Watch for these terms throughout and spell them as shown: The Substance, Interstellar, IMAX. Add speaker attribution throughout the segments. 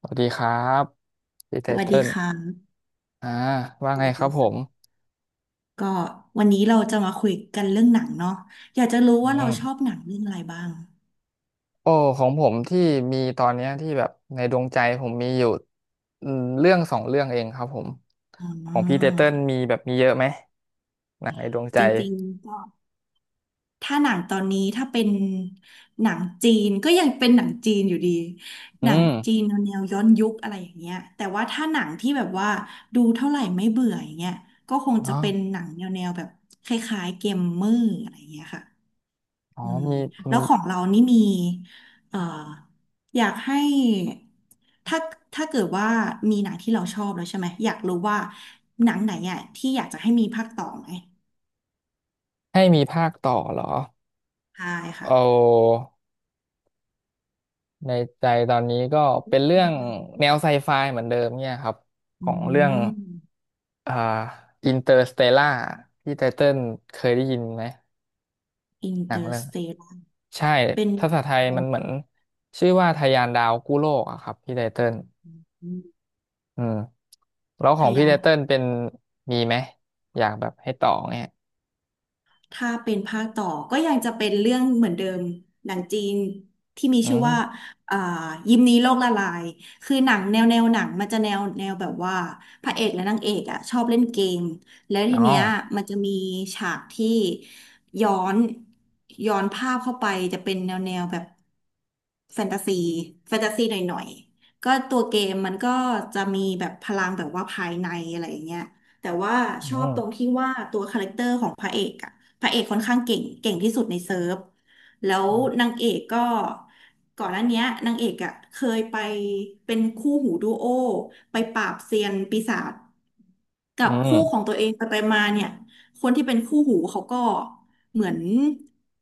Speaker 1: สวัสดีครับพี่ไต
Speaker 2: สวัสดี
Speaker 1: เติ้
Speaker 2: ค่ะ
Speaker 1: ลอ่าว่า
Speaker 2: ส
Speaker 1: ไง
Speaker 2: วัส
Speaker 1: ครั
Speaker 2: ดี
Speaker 1: บผม
Speaker 2: ค่ะก็วันนี้เราจะมาคุยกันเรื่องหนังเนาะอยากจะรู้ว่า
Speaker 1: อื
Speaker 2: เรา
Speaker 1: ม
Speaker 2: ชอบหนังเรื่องอะไรบ้าง
Speaker 1: โอ้ ของผมที่มีตอนเนี้ยที่แบบในดวงใจผมมีอยู่อืมเรื่องสองเรื่องเองครับผม
Speaker 2: อ๋
Speaker 1: ของพี่ไต
Speaker 2: อ
Speaker 1: เติ้ลมีแบบมีเยอะไหมหนังในดวงใจ
Speaker 2: จริงๆก็ถ้าหนังตอนนี้ถ้าเป็นหนังจีนก็ยังเป็นหนังจีนอยู่ดี
Speaker 1: อื
Speaker 2: หนังจี
Speaker 1: ม
Speaker 2: นแนวย้อนยุคอะไรอย่างเงี้ยแต่ว่าถ้าหนังที่แบบว่าดูเท่าไหร่ไม่เบื่ออย่างเงี้ยก็คง
Speaker 1: อ๋
Speaker 2: จะ
Speaker 1: อ
Speaker 2: เป็นหนังแนวแบบคล้ายๆเกมเมอร์อะไรอย่างเงี้ยค่ะ
Speaker 1: อ๋อ
Speaker 2: อืม
Speaker 1: มีอื
Speaker 2: แล้ว
Speaker 1: ม
Speaker 2: ของเรานี่มีเอ่ออยากให้ถ้าเกิดว่ามีหนังที่เราชอบแล้วใช่ไหมอยากรู้ว่าหนังไหนอ่ะที่อยากจะให้มีภาคต่อไหม
Speaker 1: ให้มีภาคต่อเหรอ
Speaker 2: ใช่
Speaker 1: เอ
Speaker 2: ค่ะ
Speaker 1: า ในใจตอนนี้ก็เป็นเรื่องแนวไซไฟเหมือนเดิมเนี่ยครับข
Speaker 2: อื
Speaker 1: องเรื่อง
Speaker 2: ม
Speaker 1: อ่าอินเตอร์สเตล่าที่ไตเติ้ลเคยได้ยินไหม
Speaker 2: อิน
Speaker 1: หนั
Speaker 2: เต
Speaker 1: ง
Speaker 2: อ
Speaker 1: เรื่
Speaker 2: ร์
Speaker 1: อง
Speaker 2: สเตล
Speaker 1: ใช่
Speaker 2: เป็น
Speaker 1: ภาษาไทยมันเหมือนชื่อว่าทะยานดาวกู้โลกอะครับพี่ไตเติ้ลอืมแล้วข
Speaker 2: พ
Speaker 1: องพี่
Speaker 2: ยา
Speaker 1: ไต
Speaker 2: น
Speaker 1: เติ้ลเป็นมีไหมอยากแบบให้ต่อเนี่ย
Speaker 2: ถ้าเป็นภาคต่อก็ยังจะเป็นเรื่องเหมือนเดิมหนังจีนที่มี
Speaker 1: อื
Speaker 2: ชื่อว่า
Speaker 1: ม
Speaker 2: อ่ายิมนี้โลกละลายคือหนังแนวหนังมันจะแนวแบบว่าพระเอกและนางเอกอ่ะชอบเล่นเกมแล้ว
Speaker 1: อ๋
Speaker 2: ที
Speaker 1: อ
Speaker 2: เนี้ยมันจะมีฉากที่ย้อนย้อนภาพเข้าไปจะเป็นแนวแบบแฟนตาซีแฟนตาซีหน่อยๆก็ตัวเกมมันก็จะมีแบบพลังแบบว่าภายในอะไรอย่างเงี้ย แต่ว่าช
Speaker 1: อื
Speaker 2: อบตรง
Speaker 1: ม
Speaker 2: ที่ว่าตัวคาแรคเตอร์ของพระเอกอะพระเอกค่อนข้างเก่งที่สุดในเซิร์ฟแล้ว
Speaker 1: อื
Speaker 2: นา
Speaker 1: ม
Speaker 2: งเอกก็ก่อนหน้าเนี้ยนางเอกอะเคยไปเป็นคู่หูดูโอไปปราบเซียนปีศาจกั
Speaker 1: อื
Speaker 2: บคู่ของ
Speaker 1: ม
Speaker 2: ตัวเองไปมาเนี่ยคนที่เป็นคู่หูเขาก็เหมือน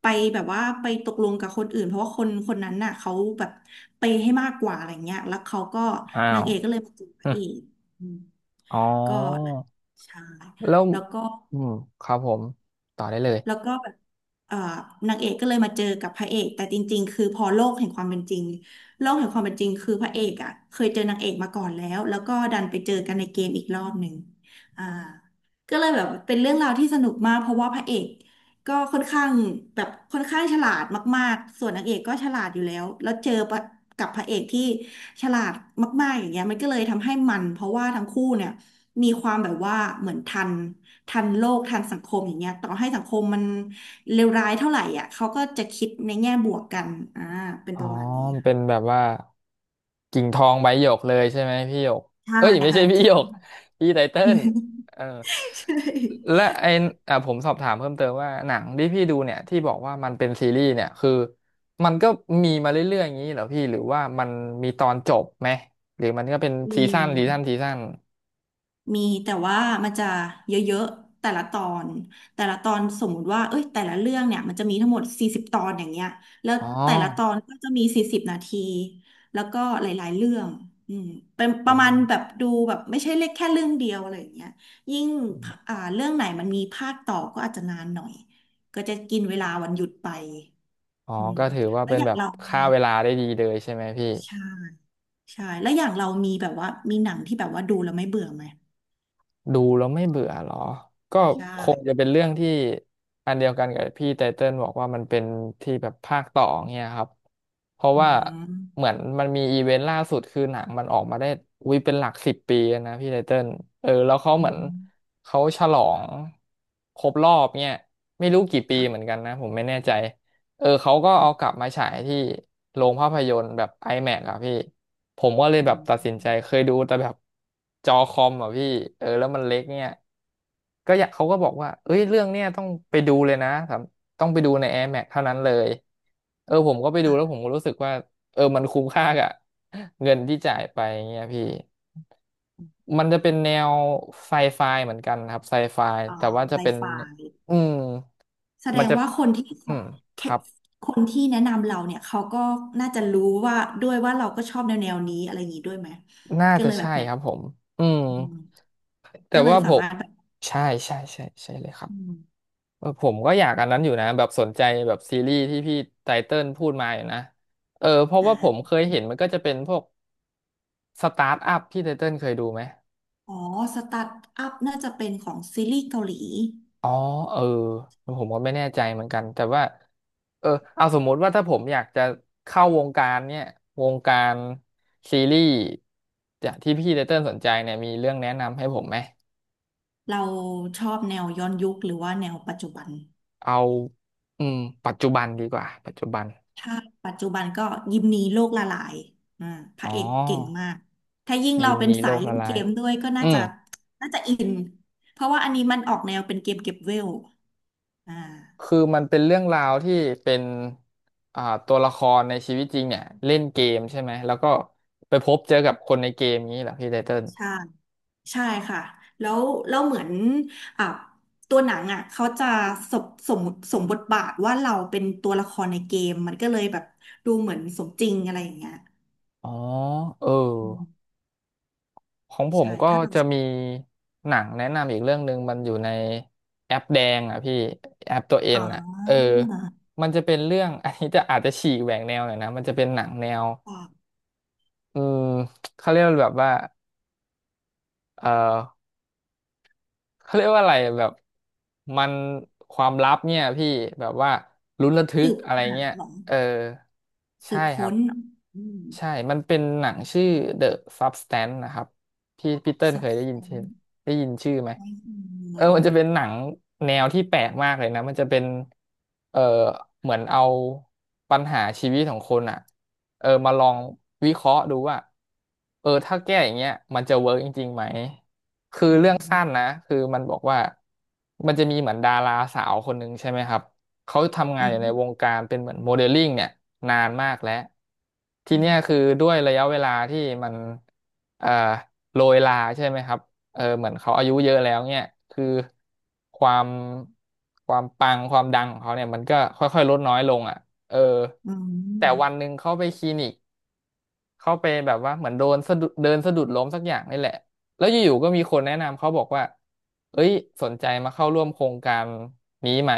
Speaker 2: ไปแบบว่าไปตกลงกับคนอื่นเพราะว่าคนคนนั้นน่ะเขาแบบไปย์ให้มากกว่าอะไรเงี้ยแล้วเขาก็
Speaker 1: อ้า
Speaker 2: นา
Speaker 1: ว
Speaker 2: งเอกก็เลยมาจูบพ
Speaker 1: อ
Speaker 2: ระ
Speaker 1: ม
Speaker 2: เอกอืม
Speaker 1: อ๋อ
Speaker 2: ก็ ใช่
Speaker 1: แล้ว
Speaker 2: แล้วก็
Speaker 1: อืมครับผมต่อได้เลย
Speaker 2: แล้วก็แบบเอ่อนางเอกก็เลยมาเจอกับพระเอกแต่จริงๆคือพอโลกแห่งความเป็นจริงโลกแห่งความเป็นจริงคือพระเอกอ่ะเคยเจอนางเอกมาก่อนแล้วแล้วก็ดันไปเจอกันในเกมอีกรอบหนึ่งอ่าก็เลยแบบเป็นเรื่องราวที่สนุกมากเพราะว่าพระเอกก็ค่อนข้างแบบค่อนข้างฉลาดมากๆส่วนนางเอกก็ฉลาดอยู่แล้วแล้วเจอปะกับพระเอกที่ฉลาดมากๆอย่างเงี้ยมันก็เลยทำให้มัน เพราะว่าทั้งคู่เนี่ยมีความแบบว่าเหมือนทันโลกทันสังคมอย่างเงี้ยต่อให้สังคมมันเลวร้ายเท่าไหร่อ่ะเขาก็จะคิดในแง่บวกกันอ่าเป็น
Speaker 1: อ๋อ
Speaker 2: ประมาณนี้
Speaker 1: มันเป็น
Speaker 2: ค่ะ
Speaker 1: แบบว่ากิ่งทองใบหยกเลยใช่ไหมพี่หยก
Speaker 2: ใช่
Speaker 1: เอ้ยไม่ใช่
Speaker 2: ค่ะ
Speaker 1: พี่
Speaker 2: จริ
Speaker 1: หย
Speaker 2: ง
Speaker 1: ก พี่ไตเติ้ลเออ
Speaker 2: ใช่
Speaker 1: และไออ่ะผมสอบถามเพิ่มเติมว่าหนังที่พี่ดูเนี่ยที่บอกว่ามันเป็นซีรีส์เนี่ยคือมันก็มีมาเรื่อยๆอย่างนี้เหรอพี่หรือว่ามันมีตอนจบไหมหรือมันก็เป็น
Speaker 2: มี
Speaker 1: ซีซั่นซีซั่นซีซั่น
Speaker 2: มีแต่ว่ามันจะเยอะๆแต่ละตอนสมมุติว่าเอ้ยแต่ละเรื่องเนี่ยมันจะมีทั้งหมด40 ตอนอย่างเงี้ยแล้ว
Speaker 1: อ๋อ
Speaker 2: แต่ละตอนก็จะมี40 นาทีแล้วก็หลายๆเรื่องอืมเป็นป
Speaker 1: โอ้
Speaker 2: ระมาณแบบดูแบบไม่ใช่เล็กแค่เรื่องเดียวอะไรอย่างเงี้ยยิ่งเรื่องไหนมันมีภาคต่อก็อาจจะนานหน่อยก็จะกินเวลาวันหยุดไป
Speaker 1: อ๋อ
Speaker 2: อืม
Speaker 1: ก็ถือว่า
Speaker 2: แล้ว
Speaker 1: เป็น
Speaker 2: อย่า
Speaker 1: แบ
Speaker 2: ง
Speaker 1: บ
Speaker 2: เรามี
Speaker 1: ฆ่าเวลาได้ดีเลยใช่ไหมพี่
Speaker 2: ใช่ใช่แล้วอย่างเรามีแบบว่ามีหนังที่แบบว่าดูแล้วไม่เบื่อไหม
Speaker 1: ดูแล้วไม่เบื่อเหรอก็
Speaker 2: ใช่
Speaker 1: คงจะเป็นเรื่องที่อันเดียวกันกับพี่ไตเติ้ลบอกว่ามันเป็นที่แบบภาคต่อเนี่ยครับเพราะ
Speaker 2: อื
Speaker 1: ว่า
Speaker 2: ม
Speaker 1: เหมือนมันมีอีเวนต์ล่าสุดคือหนังมันออกมาได้วิเป็นหลักสิบปีแล้วนะพี่ไตเติ้ลเออแล้วเขาเห
Speaker 2: อื
Speaker 1: มือน
Speaker 2: ม
Speaker 1: เขาฉลองครบรอบเนี่ยไม่รู้กี่ปีเหมื
Speaker 2: ค่ะ
Speaker 1: อนกันนะผมไม่แน่ใจเออเขาก็
Speaker 2: อืม
Speaker 1: เอากลับมาฉายที่โรงภาพยนตร์แบบ IMAX อะพี่ ผมก็เลย
Speaker 2: อื
Speaker 1: แบบตัด
Speaker 2: ม
Speaker 1: สินใจเคยดูแต่แบบจอคอมอ่ะพี่เออแล้วมันเล็กเนี่ยก็อยากเขาก็บอกว่าเอ้ยเรื่องเนี้ยต้องไปดูเลยนะสำต้องไปดูใน Air Max เท่านั้นเลยเออผมก็ไปดูแล้ว
Speaker 2: อ่ะ
Speaker 1: ผมก็รู้สึกว่าเออมันคุ้มค่ากับเงินที่จ่ายไปเงี้ยพี่มันจะเป็นแนวไซไฟเหมือนกันครับไซไฟ
Speaker 2: อ๋อ
Speaker 1: แต่ว่าจะ
Speaker 2: ไฟ
Speaker 1: เป็น
Speaker 2: ฟ้า
Speaker 1: อืม
Speaker 2: แสด
Speaker 1: มัน
Speaker 2: ง
Speaker 1: จะ
Speaker 2: ว่าคนที่
Speaker 1: อืม
Speaker 2: แค
Speaker 1: ครับ
Speaker 2: คนที่แนะนำเราเนี่ย เขาก็น่าจะรู้ว่าด้วยว่าเราก็ชอบแนวนี้อะไรอย่างนี้ด้วยไหม
Speaker 1: น่า
Speaker 2: ก็
Speaker 1: จะ
Speaker 2: เลยแบ
Speaker 1: ใช่
Speaker 2: บไหน
Speaker 1: ครับผมอืม
Speaker 2: อืม
Speaker 1: แต่
Speaker 2: ก็เลย
Speaker 1: ว่าผ
Speaker 2: สา
Speaker 1: ม
Speaker 2: มารถแบบ
Speaker 1: ใช่ใช่ใช่ใช่เลยครับ
Speaker 2: อืม
Speaker 1: เออผมก็อยากอันนั้นอยู่นะแบบสนใจแบบซีรีส์ที่พี่ไตเติ้ลพูดมาอยู่นะเออเพราะว่าผมเค
Speaker 2: อ่า
Speaker 1: ยเห็นมันก็จะเป็นพวกสตาร์ทอัพที่ไตเติ้ลเคยดูไหม
Speaker 2: อ๋อ สตาร์ทอัพน่าจะเป็นของซีรีส์เกาหลี
Speaker 1: อ๋อเออผมก็ไม่แน่ใจเหมือนกันแต่ว่าเออเอาสมมติว่าถ้าผมอยากจะเข้าวงการเนี่ยวงการซีรีส์จากที่พี่ไตเติ้ลสนใจเนี่ยมีเรื่องแนะนำให้ผมไหม
Speaker 2: เราชอบแนวย้อนยุคหรือว่าแนวปัจจุบัน
Speaker 1: เอาอืมปัจจุบันดีกว่าปัจจุบัน
Speaker 2: ถ้าปัจจุบันก็ยิมนีโลกละลายอ่าพ
Speaker 1: อ๋
Speaker 2: ระเอกเก่ง
Speaker 1: อ
Speaker 2: มากถ้ายิ่ง
Speaker 1: ยิ
Speaker 2: เรา
Speaker 1: ม
Speaker 2: เป็
Speaker 1: ห
Speaker 2: น
Speaker 1: นีโล
Speaker 2: สาย
Speaker 1: ก
Speaker 2: เล่
Speaker 1: ละ
Speaker 2: น
Speaker 1: ลา
Speaker 2: เก
Speaker 1: ย
Speaker 2: มด้วยก็
Speaker 1: อื
Speaker 2: น่า
Speaker 1: ม
Speaker 2: จะอินเพราะว่าอันนี้มันออกแนวเป็นเกมเก็บเวลอ่า
Speaker 1: คือมันเป็นเรื่องราวที่เป็นอ่าตัวละครในชีวิตจริงเนี่ยเล่นเกมใช่ไหมแล้วก็ไปพบเจอกับคนในเกมนี้เหรอพี่ไตเติ้ล
Speaker 2: ใช่ใช่ค่ะแล้วแล้วเหมือนอ่ะตัวหนังอ่ะเขาจะสมสมสมบทบาทว่าเราเป็นตัวละครในเกมมันก็เลยแบบดูเหมือนสมจริงอะไรอย่างเงี้ย
Speaker 1: อ๋อเออ
Speaker 2: อืม
Speaker 1: ของผม
Speaker 2: ใช่
Speaker 1: ก็
Speaker 2: ถ้าเรา
Speaker 1: จะมีหนังแนะนำอีกเรื่องหนึ่งมันอยู่ในแอปแดงอ่ะพี่แอปตัวเอ็
Speaker 2: อ๋
Speaker 1: นอ่ะ
Speaker 2: อ
Speaker 1: เออมันจะเป็นเรื่อง อันนี้จะอาจจะฉีกแหวกแนวหน่อยนะมันจะเป็นหนังแนว
Speaker 2: อ่ะ
Speaker 1: อืมเขาเรียกว่าแบบว่าเอ่อ เขาเรียกว่าอะไรแบบมันความลับเนี่ยพี่แบบว่าลุ้นระทึ
Speaker 2: สื
Speaker 1: ก
Speaker 2: บ
Speaker 1: อะไร
Speaker 2: หา
Speaker 1: เงี้ย
Speaker 2: หรอ
Speaker 1: เออ
Speaker 2: สื
Speaker 1: ใช่
Speaker 2: บ
Speaker 1: ครั
Speaker 2: ค้
Speaker 1: บ
Speaker 2: นอืม
Speaker 1: ใช่มันเป็นหนังชื่อ The Substance นะครับพี่พีเติ้ล
Speaker 2: สั
Speaker 1: เค
Speaker 2: บ
Speaker 1: ยได้
Speaker 2: แส
Speaker 1: ยิน
Speaker 2: ง
Speaker 1: ชื่อได้ยินชื่อไหม
Speaker 2: ไม่ม
Speaker 1: เออ
Speaker 2: ี
Speaker 1: มันจะเป็นหนังแนวที่แปลกมากเลยนะมันจะเป็นเออเหมือนเอาปัญหาชีวิตของคนอ่ะเออมาลองวิเคราะห์ดูว่าเออถ้าแก้อย่างเงี้ยมันจะเวิร์กจริงๆไหม
Speaker 2: หน
Speaker 1: รื่อง
Speaker 2: อ
Speaker 1: สั้นนะคือมันบอกว่ามันจะมีเหมือนดาราสาวคนหนึ่งใช่ไหมครับเขาทำงา
Speaker 2: อื
Speaker 1: นอยู่ในวง
Speaker 2: ม
Speaker 1: การเป็นเหมือนโมเดลลิ่งเนี่ยนานมากแล้วที
Speaker 2: อื
Speaker 1: เนี้ยคื
Speaker 2: ม
Speaker 1: อด้วยระยะเวลาที่มันเอ่อโรยลาใช่ไหมครับเออเหมือนเขาอายุเยอะแล้วเนี่ยคือความความปังความดังของเขาเนี่ยมันก็ค่อยๆลดน้อยลงอ่ะเออ
Speaker 2: อื
Speaker 1: แต่วั
Speaker 2: ม
Speaker 1: นหนึ่งเขาไปคลินิก เขาไปแบบว่าเหมือนโดนสะดุดเดินสะดุดล้มสักอย่างนี่แหละแล้วอยู่ๆก็มีคนแนะนำเขาบอกว่าเอ้ยสนใจมาเข้าร่วมโครงการนี้ไหม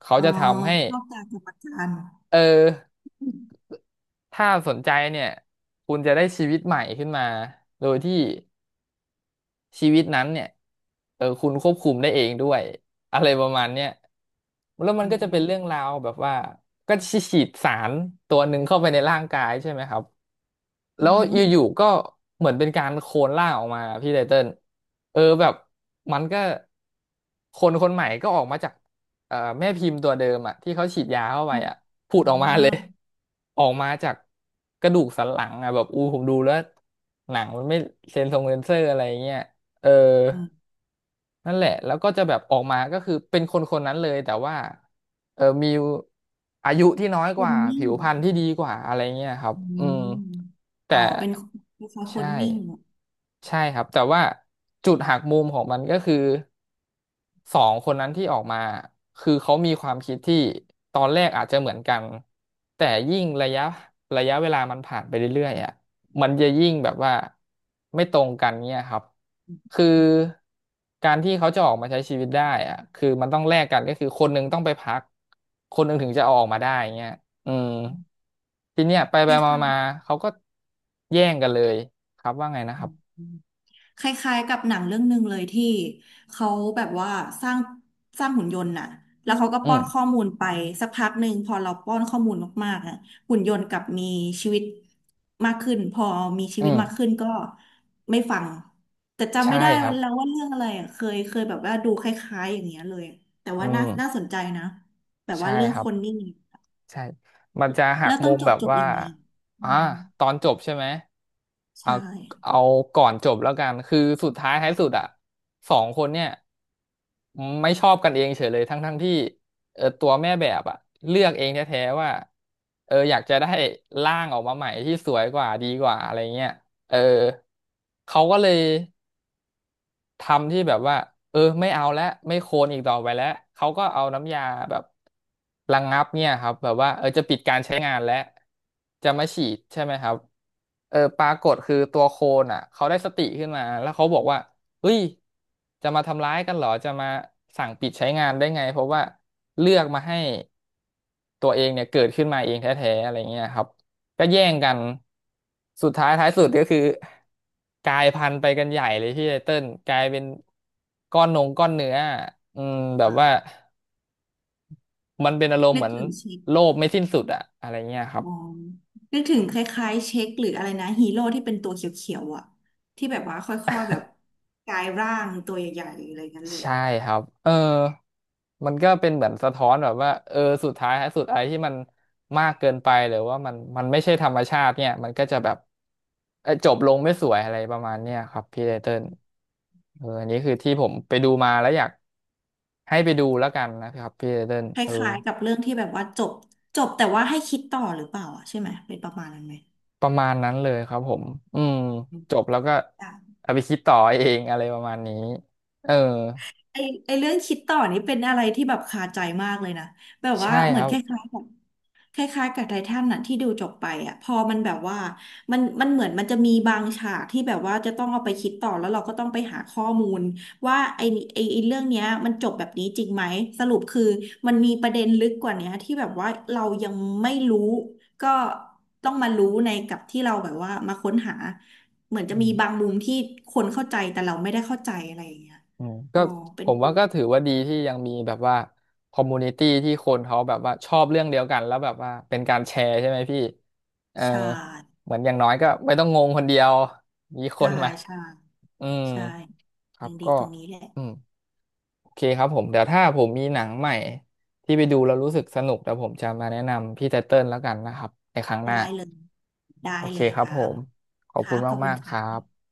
Speaker 1: เขา
Speaker 2: อ๋อ
Speaker 1: จะทำให้
Speaker 2: ชอบการประการ
Speaker 1: เออ
Speaker 2: อืม
Speaker 1: ถ้าสนใจเนี่ยคุณจะได้ชีวิตใหม่ขึ้นมา โดยที่ชีวิตนั้นเนี่ยคุณควบคุมได้เองด้วยอะไรประมาณเนี้ยแล้วมัน
Speaker 2: อื
Speaker 1: ก็จะเป็น
Speaker 2: ม
Speaker 1: เรื่องราวแบบว่าก็ฉีดสารตัวหนึ่งเข้าไปในร่างกายใช่ไหมครับ
Speaker 2: อื
Speaker 1: แล้ว
Speaker 2: ม
Speaker 1: อยู่ๆก็เหมือนเป็นการโคลนร่างออกมาพี่ไตเติ้ลเออแบบมันก็คนคนใหม่ก็ออกมาจากแม่พิมพ์ตัวเดิมอ่ะที่เขาฉีดยาเข้าไป
Speaker 2: อืม
Speaker 1: อ่ะผุ
Speaker 2: อื
Speaker 1: ดออกมาเลย
Speaker 2: ม
Speaker 1: ออกมาจากกระดูกสันหลังอ่ะแบบอูผมดูแล้วหนังมันไม่เซนเซอร์อะไรเงี้ยเออ
Speaker 2: อืม
Speaker 1: นั่นแหละ แล้วก็จะแบบออกมาก็คือเป็นคนคนนั้นเลย แต่ว่าเออมีอายุที่น้อย
Speaker 2: ค
Speaker 1: ก
Speaker 2: น
Speaker 1: ว่า
Speaker 2: นิ่
Speaker 1: ผิ
Speaker 2: ง
Speaker 1: วพรรณที่ดีกว่าอะไรเงี้ยครับ
Speaker 2: อื
Speaker 1: อืม
Speaker 2: ม
Speaker 1: แต่
Speaker 2: อ๋อเป็นคล้ายๆค
Speaker 1: ใช่
Speaker 2: นนิ่งอ่ะ
Speaker 1: ใช่ครับ แต่ว่าจุดหักมุมของมันก็คือ สองคนนั้นที่ออกมาคือเขามีความคิดที่ตอนแรกอาจจะเหมือนกันแต่ยิ่งระยะเวลามันผ่านไปเรื่อยๆอ่ะมันจะยิ่งแบบว่าไม่ตรงกันเนี่ยครับคือการที่เขาจะออกมาใช้ชีวิตได้อ่ะคือมันต้องแลกกันก็คือคนหนึ่งต้องไปพักคนหนึ่งถึงจะเอาออกมาได้เงี้ยอืมทีเนี้ยไป
Speaker 2: ค
Speaker 1: ไปมา
Speaker 2: ล้าย
Speaker 1: มาเขาก็แย่งกันเลยครับว่าไงนะครับ
Speaker 2: ๆ คล้ายๆกับหนังเรื่องหนึ่งเลยที่เขาแบบว่าสร้างหุ่นยนต์น่ะแล้วเขาก็
Speaker 1: อื
Speaker 2: ป้อ
Speaker 1: ม
Speaker 2: นข้อมูลไปสักพักหนึ่งพอเราป้อนข้อมูลมากๆอ่ะหุ่นยนต์กลับมีชีวิตมากขึ้นพอมีชี
Speaker 1: อื
Speaker 2: วิตมาก
Speaker 1: ม
Speaker 2: ขึ้นก็ไม่ฟังแต่จำไม่
Speaker 1: ใช่
Speaker 2: ได้
Speaker 1: ค
Speaker 2: วั
Speaker 1: รั
Speaker 2: น
Speaker 1: บ
Speaker 2: แล้วว่าเรื่องอะไรอ่ะเคยแบบว่าดูคล้ายๆอย่างเงี้ยเลยแต่
Speaker 1: อื
Speaker 2: ว่า
Speaker 1: ม
Speaker 2: น่าสนใจนะแบบว่า
Speaker 1: ใช่
Speaker 2: เรื่อง
Speaker 1: ครั
Speaker 2: ค
Speaker 1: บ
Speaker 2: นนี่
Speaker 1: ใช่มันจะหัก
Speaker 2: แล้วตอ
Speaker 1: มุ
Speaker 2: น
Speaker 1: ม
Speaker 2: จ
Speaker 1: แบ
Speaker 2: บ
Speaker 1: บ
Speaker 2: จบ
Speaker 1: ว่า
Speaker 2: ยังไงอื
Speaker 1: อ่า
Speaker 2: ม
Speaker 1: ตอนจบใช่ไหมเอา
Speaker 2: ใช่
Speaker 1: เอาก่อนจบแล้วกันคือสุดท้ายท้าย
Speaker 2: ่า
Speaker 1: สุดอ่ะสองคนเนี่ยไม่ชอบกันเองเลยทั้งที่ตัวแม่แบบอ่ะเลือกเองแท้ๆว่าเอออยากจะได้ร่างออกมาใหม่ที่สวยกว่าดีกว่าอะไรเงี้ยเออเขาก็เลย ทำที่แบบว่าเออไม่เอาแล้วไม่โคลนอีกต่อไปแล้วเขาก็เอาน้ำยาแบบระงับเนี่ยครับแบบว่าเออจะปิดการใช้งานแล้วจะมาฉีดใช่ไหมครับเออปรากฏคือตัวโคลนอ่ะเขาได้สติขึ้นมาแล้วเขาบอกว่าเฮ้ยจะมาทำร้ายกันเหรอจะมาสั่งปิดใช้งานได้ไงเพราะว่าเลือกมาให้ตัวเองเนี่ยเกิดขึ้นมาเองแท้ๆอะไรเงี้ยครับ ก็แย่งกัน สุดท้ายท้ายสุดก็คือกลายพันธุ์ไปกันใหญ่เลยพี่ไตเติ้ลกลายเป็นก้อนเนื้ออืมแบบว่ามันเป็นอารมณ์
Speaker 2: นึ
Speaker 1: เห
Speaker 2: ก
Speaker 1: มือน
Speaker 2: ถึงชี
Speaker 1: โลภไม่สิ้นสุดอะอะไรเงี้ยครับ
Speaker 2: อ๋อนึกถึงคล้ายๆเช็คหรืออะไรนะฮีโร่ที่เป็นตัวเขียวๆอ่ะที่แบบว่าค่อยๆแบบกลายร่างตัวใหญ่ๆอะไรเงี้ยเลย
Speaker 1: ใช่ครับเออมันก็เป็นเหมือนสะท้อนแบบว่าเออสุดท้ายทสุดไอ้ที่มันมากเกินไปหรือว่ามันไม่ใช่ธรรมชาติเนี่ยมันก็จะแบบเอ่อจบลงไม่สวยอะไรประมาณเนี้ยครับพี่ไตเติ้ลเอออันนี้คือที่ผมไปดูมาแล้วอยากให้ไปดูแล้วกันนะครับพี่ไตเติ้ล
Speaker 2: ค
Speaker 1: เออ
Speaker 2: ล้ายๆกับเรื่องที่แบบว่าจบแต่ว่าให้คิดต่อหรือเปล่าอ่ะใช่ไหมเป็นประมาณนั้นไหม
Speaker 1: ประมาณนั้นเลยครับผมอืมจบแล้วก็
Speaker 2: อ่ะ
Speaker 1: เอาไปคิดต่อเองอะไรประมาณนี้เออ
Speaker 2: ได้ไอเรื่องคิดต่อนี่เป็นอะไรที่แบบคาใจมากเลยนะแบบว่า
Speaker 1: ใช่
Speaker 2: เห
Speaker 1: ค
Speaker 2: มือน
Speaker 1: รั
Speaker 2: ค
Speaker 1: บ
Speaker 2: ล้ายๆกับ คล้ายๆกับไททันน่ะที่ดูจบไปอ่ะพอมันแบบว่ามันเหมือนมันจะมีบางฉากที่แบบว่าจะต้องเอาไปคิดต่อแล้วเราก็ต้องไปหาข้อมูลว่าไอ้เรื่องเนี้ยมันจบแบบนี้จริงไหมสรุปคือมันมีประเด็นลึกกว่าเนี้ยที่แบบว่าเรายังไม่รู้ก็ต้องมารู้ในกับที่เราแบบว่ามาค้นหาเหมือนจะมีบางมุมที่คนเข้าใจแต่เราไม่ได้เข้าใจอะไรอย่างเงี้ย
Speaker 1: อืม
Speaker 2: อ๋
Speaker 1: ก็
Speaker 2: อเป็
Speaker 1: ผ
Speaker 2: น
Speaker 1: ม
Speaker 2: ปุ่
Speaker 1: ว่า
Speaker 2: ม
Speaker 1: ก็ถือว่าดีที่ยังมีแบบว่าคอมมูนิตี้ที่คนเขาแบบว่าชอบเรื่องเดียวกันแล้วแบบว่าเป็นการแชร์ใช่ไหมพี่เออ
Speaker 2: ใช่
Speaker 1: เหมือนอย่างน้อยก็ไม่ต้องงงคนเดียวมีค
Speaker 2: ใช่
Speaker 1: นมา
Speaker 2: ใช่
Speaker 1: อืม
Speaker 2: ใช่
Speaker 1: ครั
Speaker 2: ยั
Speaker 1: บ
Speaker 2: งดี
Speaker 1: ก็
Speaker 2: ตรงนี้แหละ
Speaker 1: อืมโอเคครับผมเดี๋ยวถ้าผมมีหนังใหม่ที่ไปดูแล้วรู้สึกสนุกเดี๋ยวผมจะมาแนะนำพี่ไตเติ้ลแล้วกันนะครับในครั้งห
Speaker 2: ได้
Speaker 1: น้า
Speaker 2: เลยได้
Speaker 1: โอเค
Speaker 2: เลย
Speaker 1: ค
Speaker 2: ค
Speaker 1: รับ
Speaker 2: รั
Speaker 1: ผ
Speaker 2: บ
Speaker 1: มขอบ
Speaker 2: ครั
Speaker 1: คุณ
Speaker 2: บขอบคุ
Speaker 1: มา
Speaker 2: ณ
Speaker 1: กๆค
Speaker 2: ค่ะ
Speaker 1: รับ